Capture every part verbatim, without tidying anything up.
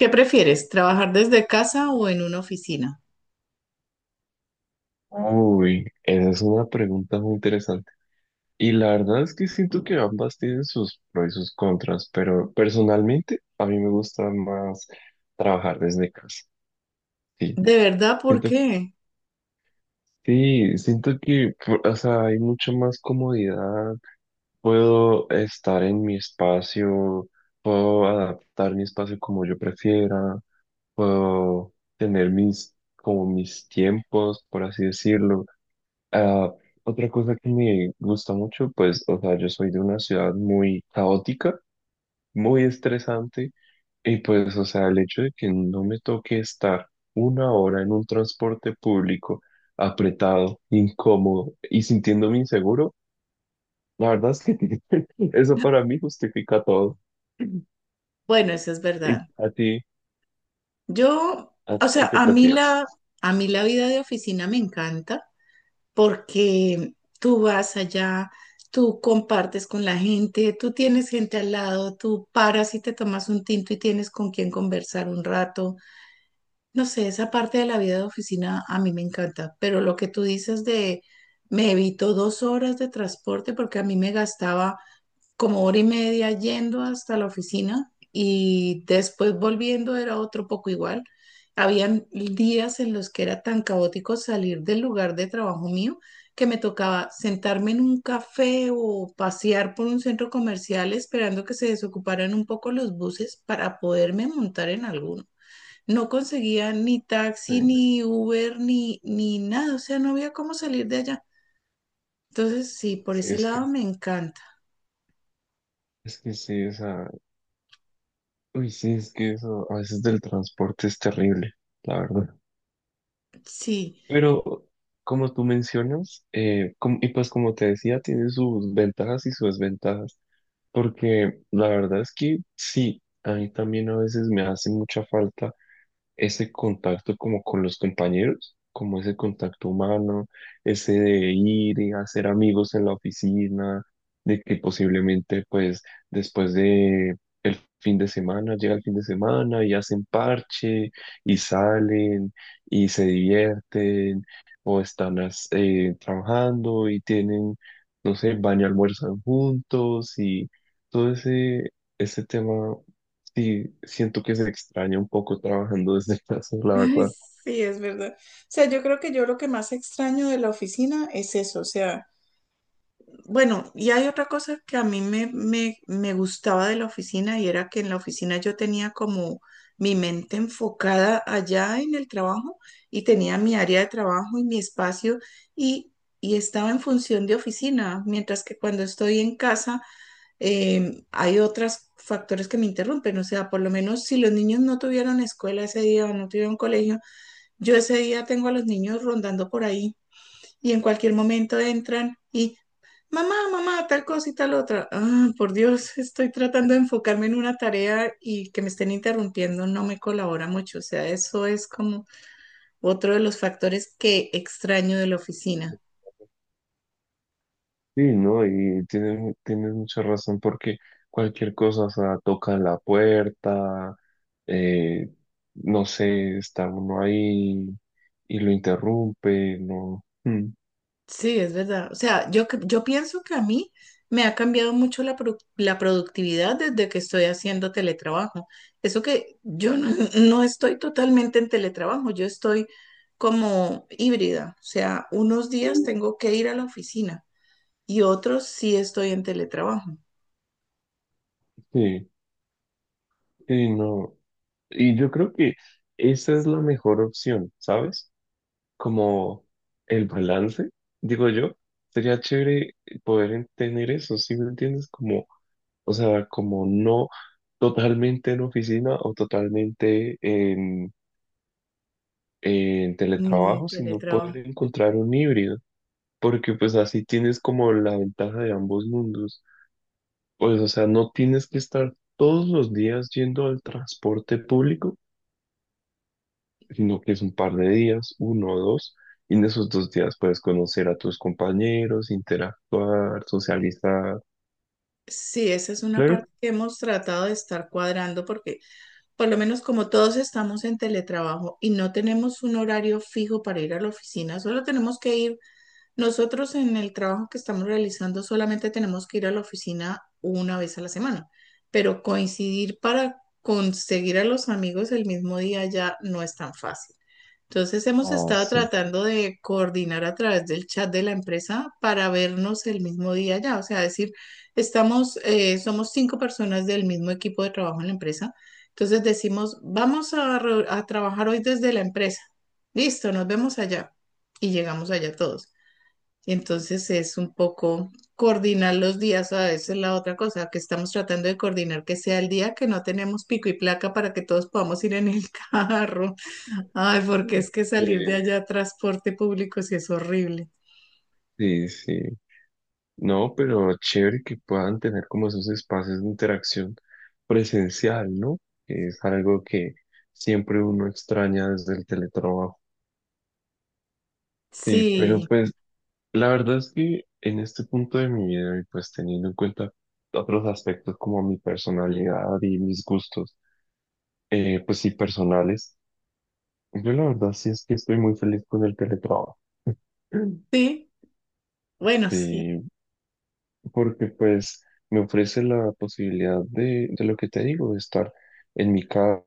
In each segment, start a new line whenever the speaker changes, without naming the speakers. ¿Qué prefieres, trabajar desde casa o en una oficina?
Uy, esa es una pregunta muy interesante. Y la verdad es que siento que ambas tienen sus pros y sus contras, pero personalmente a mí me gusta más trabajar desde casa. Sí,
¿De verdad por
siento,
qué?
sí, siento que, por- o sea, hay mucha más comodidad. Puedo estar en mi espacio, puedo adaptar mi espacio como yo prefiera, puedo tener mis, como mis tiempos, por así decirlo. Ah, otra cosa que me gusta mucho, pues, o sea, yo soy de una ciudad muy caótica, muy estresante, y pues, o sea, el hecho de que no me toque estar una hora en un transporte público apretado, incómodo y sintiéndome inseguro, la verdad es que eso para mí justifica todo.
Bueno, eso es
¿Y
verdad.
a ti,
Yo,
a
o
tú
sea,
qué
a mí
prefieres?
la, a mí la vida de oficina me encanta porque tú vas allá, tú compartes con la gente, tú tienes gente al lado, tú paras y te tomas un tinto y tienes con quien conversar un rato. No sé, esa parte de la vida de oficina a mí me encanta, pero lo que tú dices de me evito dos horas de transporte porque a mí me gastaba como hora y media yendo hasta la oficina y después volviendo era otro poco igual. Habían días en los que era tan caótico salir del lugar de trabajo mío que me tocaba sentarme en un café o pasear por un centro comercial esperando que se desocuparan un poco los buses para poderme montar en alguno. No conseguía ni taxi,
Sí,
ni Uber, ni, ni nada, o sea, no había cómo salir de allá. Entonces, sí, por
sí,
ese
es
lado
que,
me encanta.
es que sí, o sea, uy, sí, es que eso a veces del transporte es terrible, la verdad.
Sí.
Pero como tú mencionas, eh, com- y pues como te decía, tiene sus ventajas y sus desventajas, porque la verdad es que sí, a mí también a veces me hace mucha falta ese contacto como con los compañeros, como ese contacto humano, ese de ir y hacer amigos en la oficina, de que posiblemente pues después de el fin de semana, llega el fin de semana y hacen parche y salen y se divierten o están as- eh, trabajando y tienen, no sé, van y almuerzan juntos y todo ese, ese tema. Sí, siento que se extraña un poco trabajando desde casa, la
Ay,
verdad.
sí, es verdad. O sea, yo creo que yo lo que más extraño de la oficina es eso. O sea, bueno, y hay otra cosa que a mí me, me, me gustaba de la oficina y era que en la oficina yo tenía como mi mente enfocada allá en el trabajo y tenía mi área de trabajo y mi espacio y, y estaba en función de oficina, mientras que cuando estoy en casa em, hay otros factores que me interrumpen. O sea, por lo menos si los niños no tuvieron escuela ese día o no tuvieron colegio, yo ese día tengo a los niños rondando por ahí y en cualquier momento entran y, mamá, mamá, tal cosa y tal otra. Ah, por Dios, estoy tratando de enfocarme en una tarea y que me estén interrumpiendo no me colabora mucho. O sea, eso es como otro de los factores que extraño de la oficina.
Sí, no, y tienes, tienes mucha razón porque cualquier cosa, o sea, tocan la puerta, eh, no sé, está uno ahí y lo interrumpe, no. Mm,
Sí, es verdad. O sea, yo, cre- yo pienso que a mí me ha cambiado mucho la, produ- la productividad desde que estoy haciendo teletrabajo. Eso que yo no, no estoy totalmente en teletrabajo, yo estoy como híbrida. O sea, unos días tengo que ir a la oficina y otros sí estoy en teletrabajo.
sí, sí, no. Y yo creo que esa es la mejor opción, ¿sabes? Como el balance, digo yo, sería chévere poder en- tener eso, ¿sí me entiendes? Como o sea, como no totalmente en oficina o totalmente en, en
En
teletrabajo, sino poder
teletrabajo.
encontrar un híbrido, porque pues así tienes como la ventaja de ambos mundos. Pues, o sea, no tienes que estar todos los días yendo al transporte público, sino que es un par de días, uno o dos, y en esos dos días puedes conocer a tus compañeros, interactuar, socializar.
Sí, esa es una
Claro.
parte que hemos tratado de estar cuadrando porque por lo menos como todos estamos en teletrabajo y no tenemos un horario fijo para ir a la oficina, solo tenemos que ir, nosotros en el trabajo que estamos realizando solamente tenemos que ir a la oficina una vez a la semana, pero coincidir para conseguir a los amigos el mismo día ya no es tan fácil. Entonces hemos
Ah,
estado
sí.
tratando de coordinar a través del chat de la empresa para vernos el mismo día ya, o sea, decir, estamos, eh, somos cinco personas del mismo equipo de trabajo en la empresa, entonces decimos, vamos a, re- a trabajar hoy desde la empresa, listo, nos vemos allá y llegamos allá todos. Entonces es un poco coordinar los días, a veces la otra cosa que estamos tratando de coordinar que sea el día que no tenemos pico y placa para que todos podamos ir en el carro. Ay, porque es que salir de
Eh,
allá a transporte público sí es horrible.
sí, sí. No, pero chévere que puedan tener como esos espacios de interacción presencial, ¿no? Que es algo que siempre uno extraña desde el teletrabajo. Sí, pero
Sí,
pues la verdad es que en este punto de mi vida y pues teniendo en cuenta otros aspectos como mi personalidad y mis gustos, eh, pues sí, personales, yo la verdad sí es que estoy muy feliz con el teletrabajo.
sí, bueno, sí,
Sí, porque pues me ofrece la posibilidad de, de lo que te digo, de estar en mi casa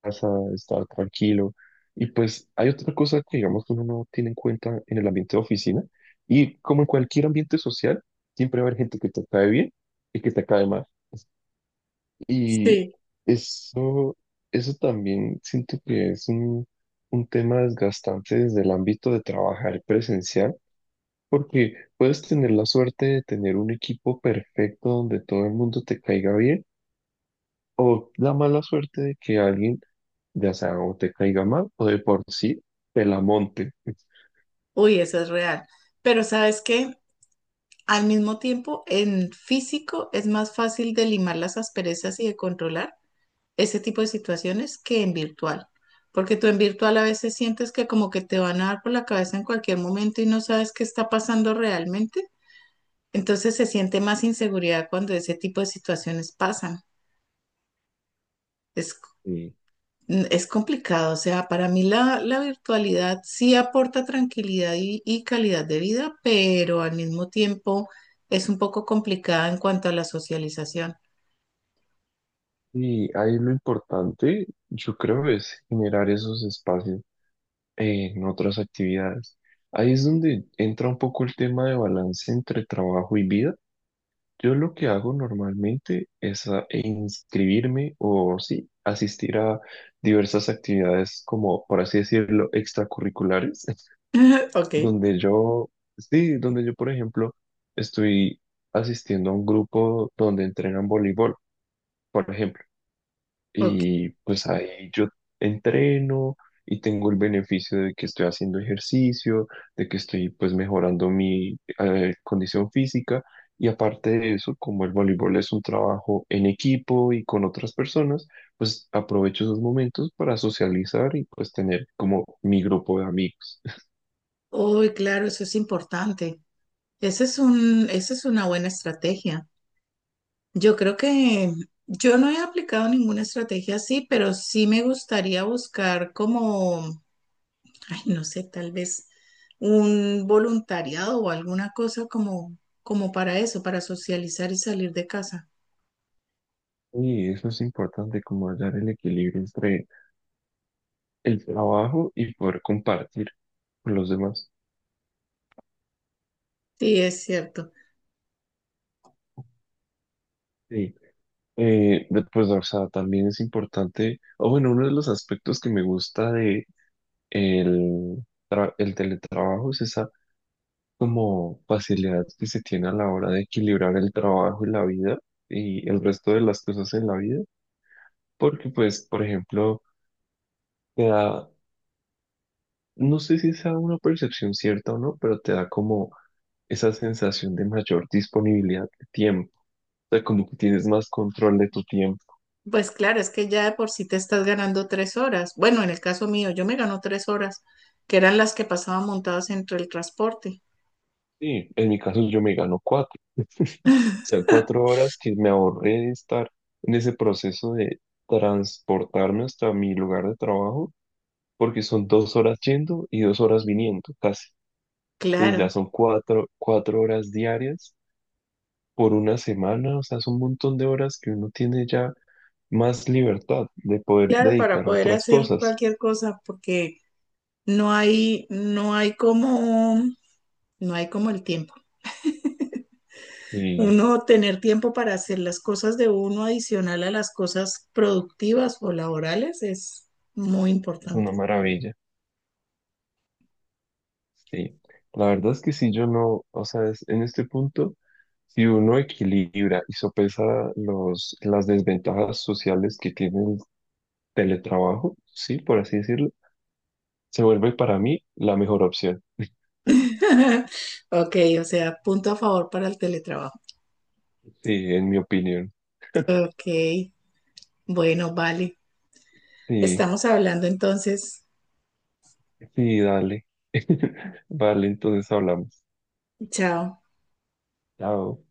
casa, estar tranquilo. Y pues hay otra cosa que digamos que uno no tiene en cuenta en el ambiente de oficina y como en cualquier ambiente social, siempre va a haber gente que te cae bien y que te cae mal. Y
sí.
eso, eso también siento que es un, un tema desgastante desde el ámbito de trabajar presencial, porque puedes tener la suerte de tener un equipo perfecto donde todo el mundo te caiga bien o la mala suerte de que alguien, ya sea o te caiga mal o de por sí te la monte.
Uy, eso es real. Pero ¿sabes qué? Al mismo tiempo, en físico es más fácil de limar las asperezas y de controlar ese tipo de situaciones que en virtual. Porque tú en virtual a veces sientes que como que te van a dar por la cabeza en cualquier momento y no sabes qué está pasando realmente. Entonces se siente más inseguridad cuando ese tipo de situaciones pasan. Es,
Sí.
es complicado, o sea, para mí la, la virtualidad sí aporta tranquilidad y, y calidad de vida, pero al mismo tiempo es un poco complicada en cuanto a la socialización.
Y ahí lo importante, yo creo, es generar esos espacios en otras actividades. Ahí es donde entra un poco el tema de balance entre trabajo y vida. Yo lo que hago normalmente es a- e inscribirme o sí, asistir a diversas actividades como, por así decirlo, extracurriculares.
Ok,
Donde yo, sí, donde yo, por ejemplo, estoy asistiendo a un grupo donde entrenan voleibol, por ejemplo,
ok.
y pues ahí yo entreno y tengo el beneficio de que estoy haciendo ejercicio, de que estoy pues mejorando mi eh, condición física. Y aparte de eso, como el voleibol es un trabajo en equipo y con otras personas, pues aprovecho esos momentos para socializar y pues tener como mi grupo de amigos.
Uy, claro, eso es importante. Ese es un, esa es una buena estrategia. Yo creo que yo no he aplicado ninguna estrategia así, pero sí me gustaría buscar como, ay, no sé, tal vez un voluntariado o alguna cosa como, como para eso, para socializar y salir de casa.
Y eso es importante, como hallar el equilibrio entre el trabajo y poder compartir con los demás.
Sí, es cierto.
Sí. Eh, después, o sea, también es importante, o bueno, uno de los aspectos que me gusta de el, tra- el teletrabajo es esa como facilidad que se tiene a la hora de equilibrar el trabajo y la vida y el resto de las cosas en la vida, porque pues, por ejemplo, te da, no sé si sea una percepción cierta o no, pero te da como esa sensación de mayor disponibilidad de tiempo. O sea, como que tienes más control de tu tiempo.
Pues claro, es que ya de por sí te estás ganando tres horas. Bueno, en el caso mío, yo me gano tres horas, que eran las que pasaba montadas entre el transporte.
Sí, en mi caso yo me gano cuatro. O sea, cuatro horas que me ahorré de estar en ese proceso de transportarme hasta mi lugar de trabajo, porque son dos horas yendo y dos horas viniendo, casi. Entonces
Claro,
ya son cuatro, cuatro horas diarias por una semana. O sea, son un montón de horas que uno tiene ya más libertad de poder
claro, para
dedicar a
poder
otras
hacer
cosas.
cualquier cosa, porque no hay, no hay como, no hay como el tiempo.
Y
Uno tener tiempo para hacer las cosas de uno adicional a las cosas productivas o laborales es muy
es
importante.
una maravilla. Sí, la verdad es que si yo no, o sea, es- en este punto, si uno equilibra y sopesa los, las desventajas sociales que tiene el teletrabajo, sí, por así decirlo, se vuelve para mí la mejor opción,
Ok, o sea, punto a favor para el teletrabajo.
sí, en mi opinión.
Ok, bueno, vale.
Sí,
Estamos hablando entonces.
sí, dale. Vale, entonces hablamos.
Chao.
Chao.